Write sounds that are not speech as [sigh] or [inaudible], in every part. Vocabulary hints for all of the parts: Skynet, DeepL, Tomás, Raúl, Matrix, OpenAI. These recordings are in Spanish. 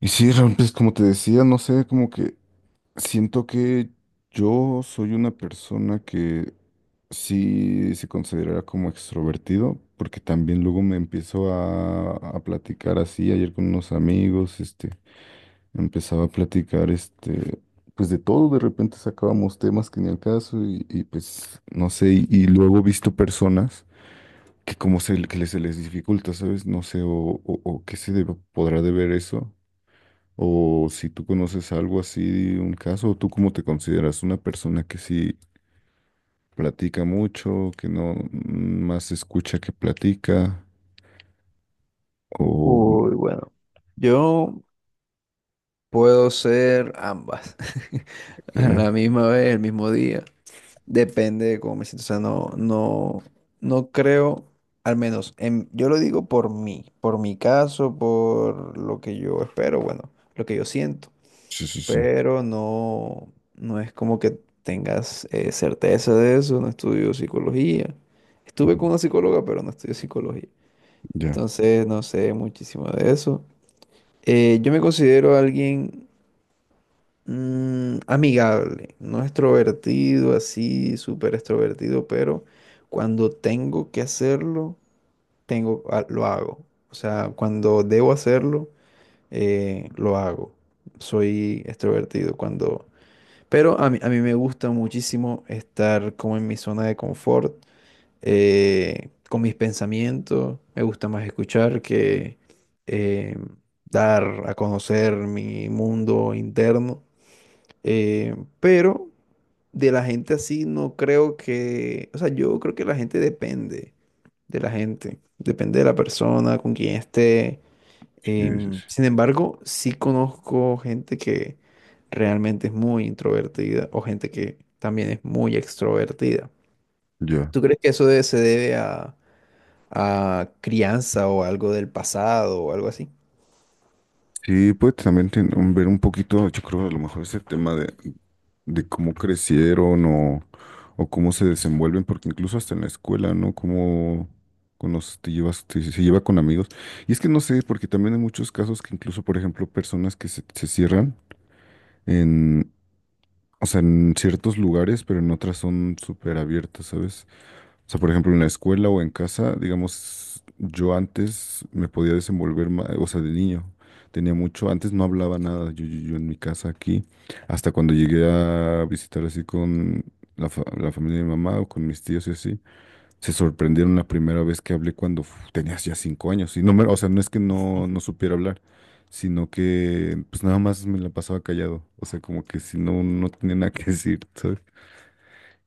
Y sí, Raúl, pues como te decía, no sé, como que siento que yo soy una persona que sí se considera como extrovertido, porque también luego me empiezo a platicar así, ayer con unos amigos, empezaba a platicar, pues de todo, de repente sacábamos temas que ni al caso pues, no sé, y luego he visto personas que que se les dificulta, ¿sabes? No sé, o podrá deber eso, o si tú conoces algo así, un caso. ¿Tú cómo te consideras? ¿Una persona que sí platica mucho, que no más escucha que platica? ¿O Uy, bueno, yo puedo ser ambas [laughs] a la qué? misma vez, el mismo día, depende de cómo me siento. O sea, no creo, al menos yo lo digo por mí, por mi caso, por lo que yo espero, bueno, lo que yo siento, Sí, sí, sí. pero no, no es como que tengas certeza de eso. No estudio psicología, estuve Ujú. con una psicóloga, pero no estudio psicología, Ya, entonces no sé muchísimo de eso. Yo me considero alguien amigable, no extrovertido, así súper extrovertido, pero cuando tengo que hacerlo, lo hago. O sea, cuando debo hacerlo, lo hago. Soy extrovertido cuando... Pero a mí me gusta muchísimo estar como en mi zona de confort con mis pensamientos, me gusta más escuchar que eh, dar a conocer mi mundo interno, eh, pero de la gente así no creo que, o sea, yo creo que la gente depende de la persona con quien esté. sí, sí, sí. Sin embargo, sí conozco gente que realmente es muy introvertida o gente que también es muy extrovertida. Ya. ¿Tú crees que se debe a crianza o algo del pasado o algo así? Sí, pues también ver un poquito, yo creo a lo mejor ese tema de cómo crecieron o cómo se desenvuelven, porque incluso hasta en la escuela, ¿no? Cómo con te se lleva con amigos. Y es que no sé, porque también hay muchos casos que incluso, por ejemplo, personas que se cierran en, o sea, en ciertos lugares, pero en otras son súper abiertas, ¿sabes? O sea, por ejemplo, en la escuela o en casa, digamos, yo antes me podía desenvolver más, o sea, de niño. Tenía mucho, antes no hablaba nada, yo en mi casa aquí, hasta cuando llegué a visitar así con la familia de mi mamá o con mis tíos y así, se sorprendieron la primera vez que hablé cuando uf, tenías ya 5 años. Y o sea, no es que no supiera hablar, sino que pues nada más me la pasaba callado, o sea, como que si no, no tenía nada que decir,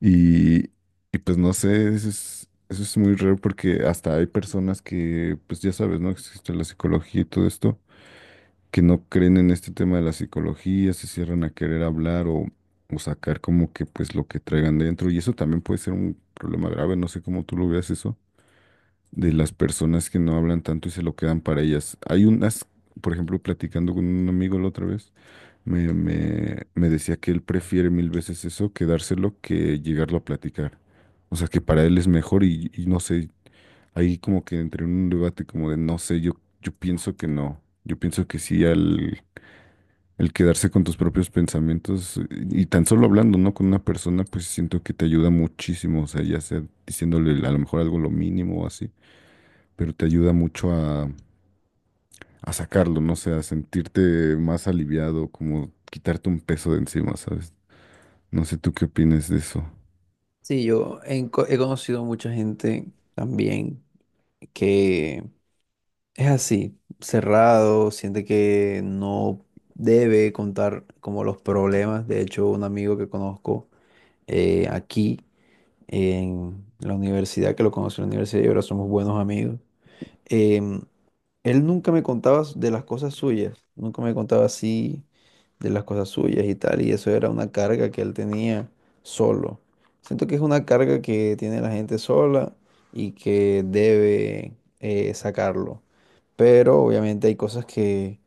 y, y pues no sé, eso es muy raro porque hasta hay personas que, pues ya sabes, ¿no? Existe la psicología y todo esto, que no creen en este tema de la psicología, se cierran a querer hablar o sacar como que pues lo que traigan dentro. Y eso también puede ser un problema grave, no sé cómo tú lo veas eso, de las personas que no hablan tanto y se lo quedan para ellas. Hay unas, por ejemplo, platicando con un amigo la otra vez. Me decía que él prefiere mil veces eso que dárselo que llegarlo a platicar. O sea, que para él es mejor y no sé, ahí como que entré en un debate como de no sé, yo pienso que no. Yo pienso que sí, al, el quedarse con tus propios pensamientos y tan solo hablando, ¿no? Con una persona, pues siento que te ayuda muchísimo. O sea, ya sea diciéndole a lo mejor algo lo mínimo o así, pero te ayuda mucho a sacarlo, no sé, a sentirte más aliviado, como quitarte un peso de encima, ¿sabes? No sé tú qué opinas de eso. Sí, yo he conocido mucha gente también que es así, cerrado, siente que no debe contar como los problemas. De hecho, un amigo que conozco aquí en la universidad, que lo conocí en la universidad y ahora somos buenos amigos, em, él nunca me contaba de las cosas suyas, nunca me contaba así de las cosas suyas y tal, y eso era una carga que él tenía solo. Siento que es una carga que tiene la gente sola y que debe sacarlo. Pero obviamente hay cosas que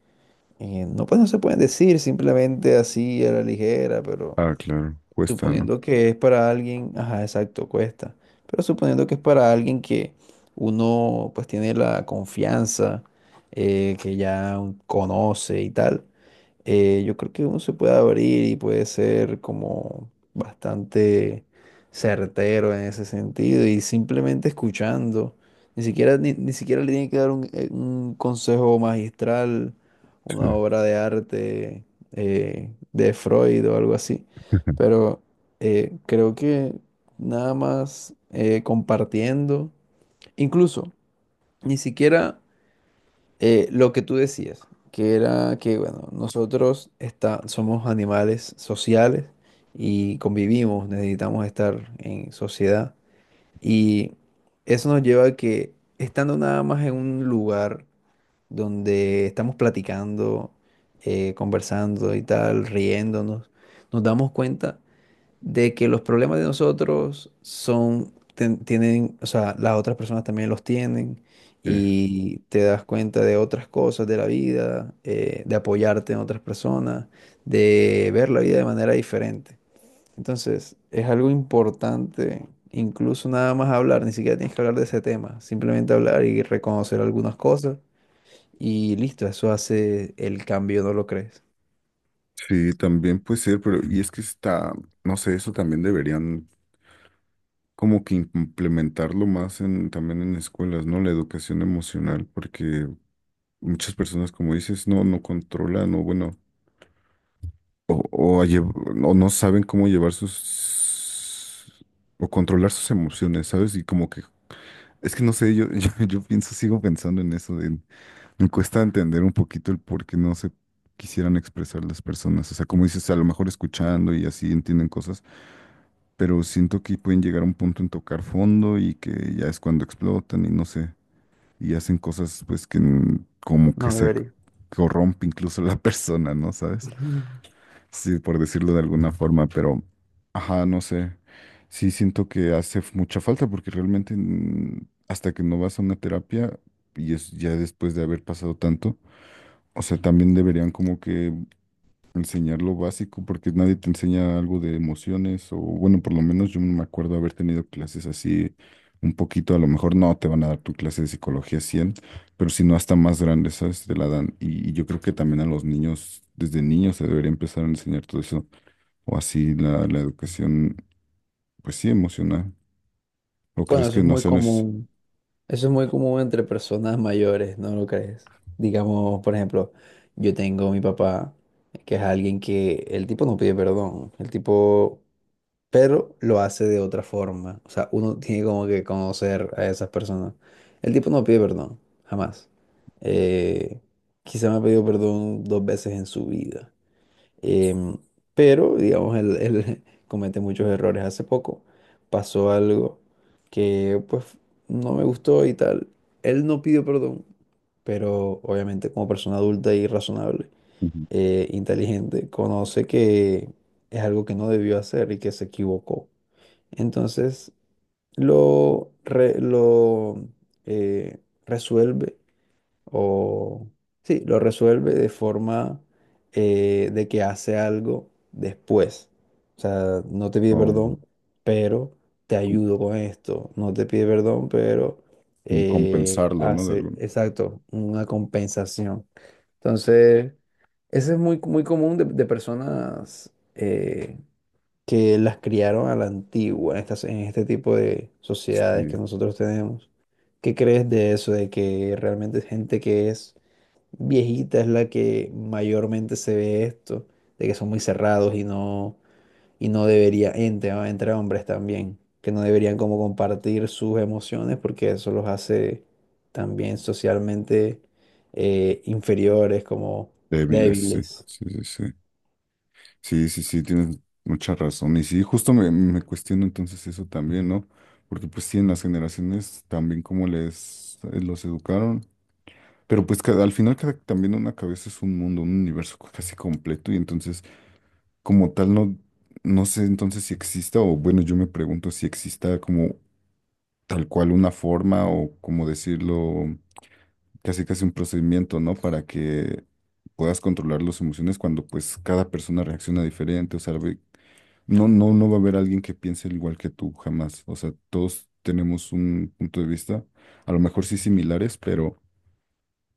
no, pues, no se pueden decir simplemente así a la ligera, pero Ah, claro, cuesta, ¿no? suponiendo que es para alguien, ajá, exacto, cuesta. Pero suponiendo que es para alguien que uno pues tiene la confianza, que ya conoce y tal, yo creo que uno se puede abrir y puede ser como bastante certero en ese sentido y simplemente escuchando. Ni siquiera, ni siquiera le tiene que dar un consejo magistral, Sí. una obra de arte de Freud o algo así. [laughs] Pero creo que nada más compartiendo, incluso ni siquiera lo que tú decías, que era que, bueno, somos animales sociales y convivimos, necesitamos estar en sociedad. Y eso nos lleva a que estando nada más en un lugar donde estamos platicando, conversando y tal, riéndonos, nos damos cuenta de que los problemas de nosotros tienen, o sea, las otras personas también los tienen Sí, y te das cuenta de otras cosas de la vida, de apoyarte en otras personas, de ver la vida de manera diferente. Entonces, es algo importante, incluso nada más hablar, ni siquiera tienes que hablar de ese tema, simplemente hablar y reconocer algunas cosas y listo, eso hace el cambio, ¿no lo crees? sí, también puede ser, pero y es que está, no sé, eso también deberían como que implementarlo más en, también en escuelas, ¿no? La educación emocional, porque muchas personas, como dices, no, no controlan, o bueno, a o no saben cómo llevar sus, o controlar sus emociones, ¿sabes? Y como que, es que no sé, yo, [laughs] yo pienso, sigo pensando en eso. Me cuesta entender un poquito el por qué no se quisieran expresar las personas. O sea, como dices, a lo mejor escuchando y así entienden cosas, pero siento que pueden llegar a un punto en tocar fondo y que ya es cuando explotan y no sé, y hacen cosas pues como que No se debería. corrompe incluso la [laughs] persona, ¿no? ¿Sabes? [laughs] Sí, por decirlo de alguna forma, pero, ajá, no sé. Sí, siento que hace mucha falta porque realmente hasta que no vas a una terapia y es ya después de haber pasado tanto. O sea, también deberían como que enseñar lo básico, porque nadie te enseña algo de emociones, o bueno, por lo menos yo no me acuerdo haber tenido clases así un poquito, a lo mejor no te van a dar tu clase de psicología 100, pero si no hasta más grande, ¿sabes? Te la dan. Y yo creo que también a los niños, desde niños se debería empezar a enseñar todo eso, o así la educación, pues sí, emocional. ¿O Bueno, crees eso que es no muy sean es común. Eso es muy común entre personas mayores, ¿no lo crees? Digamos, por ejemplo, yo tengo a mi papá, que es alguien que el tipo no pide perdón, el tipo, pero lo hace de otra forma. O sea, uno tiene como que conocer a esas personas. El tipo no pide perdón, jamás. Eh, quizá me ha pedido perdón dos veces en su vida. Em, pero, digamos, él [laughs] comete muchos errores. Hace poco pasó algo que, pues, no me gustó y tal. Él no pidió perdón, pero obviamente como persona adulta y razonable, Ujú. Inteligente, conoce que es algo que no debió hacer y que se equivocó. Entonces, lo eh, resuelve o sí, lo resuelve de forma de que hace algo después. O sea, no te pide O perdón, pero te ayudo con esto. No te pide perdón, pero como compensarlo, ¿no? De hace, algún, exacto, una compensación. Entonces, eso es muy, muy común de personas que las criaron a la antigua, en estas, en este tipo de sociedades sí, que nosotros tenemos. ¿Qué crees de eso, de que realmente es gente que es viejita es la que mayormente se ve esto, de que son muy cerrados y no debería, entre, entre hombres también, que no deberían como compartir sus emociones porque eso los hace también socialmente inferiores, como débiles, sí, débiles? sí, sí, sí. Sí, sí, sí, tienes mucha razón. Y sí, justo me cuestiono entonces eso también, ¿no? Porque pues sí, en las generaciones también como les los educaron. Pero pues al final cada, también una cabeza es un mundo, un universo casi completo. Y entonces, como tal, no, no sé entonces si exista, o bueno, yo me pregunto si exista como tal cual una forma o como decirlo, casi casi un procedimiento, ¿no? Para que puedas controlar las emociones cuando pues cada persona reacciona diferente, o sea, no va a haber alguien que piense al igual que tú, jamás. O sea, todos tenemos un punto de vista, a lo mejor sí similares,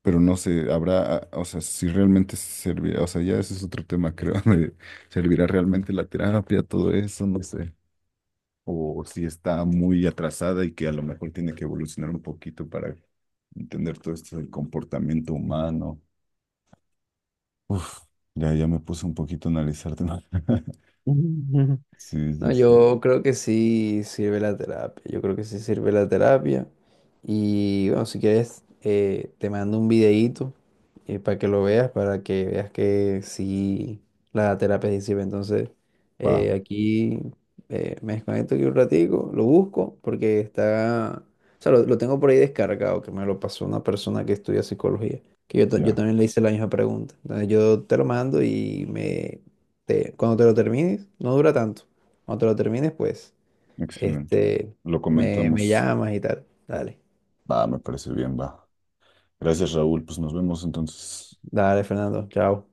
pero no sé, habrá, ah, o sea, si realmente servirá, o sea, ya ese es otro tema, creo, [laughs] de servirá realmente la terapia, todo eso, no sé. O si está muy atrasada y que a lo mejor tiene que evolucionar un poquito para entender todo esto del comportamiento humano. Uf, ya, ya me puse un poquito a analizarte, ¿no? [laughs] [laughs] Sí, No, sí, sí. yo creo que sí sirve la terapia. Yo creo que sí sirve la terapia. Y bueno, si quieres, te mando un videíto para que lo veas, para que veas que sí la terapia sí sirve. Entonces, Va, aquí me desconecto aquí un ratico, lo busco porque está, o sea, lo tengo por ahí descargado, que me lo pasó una persona que estudia psicología, que yo, yo ya. también le hice la misma pregunta. Entonces, yo te lo mando y cuando te lo termines, no dura tanto. Cuando te lo termines, pues, Excelente. este, Lo me comentamos. llamas y tal. Dale, Va, me parece bien, va. Gracias, Raúl. Pues nos vemos entonces. dale, Fernando, chao.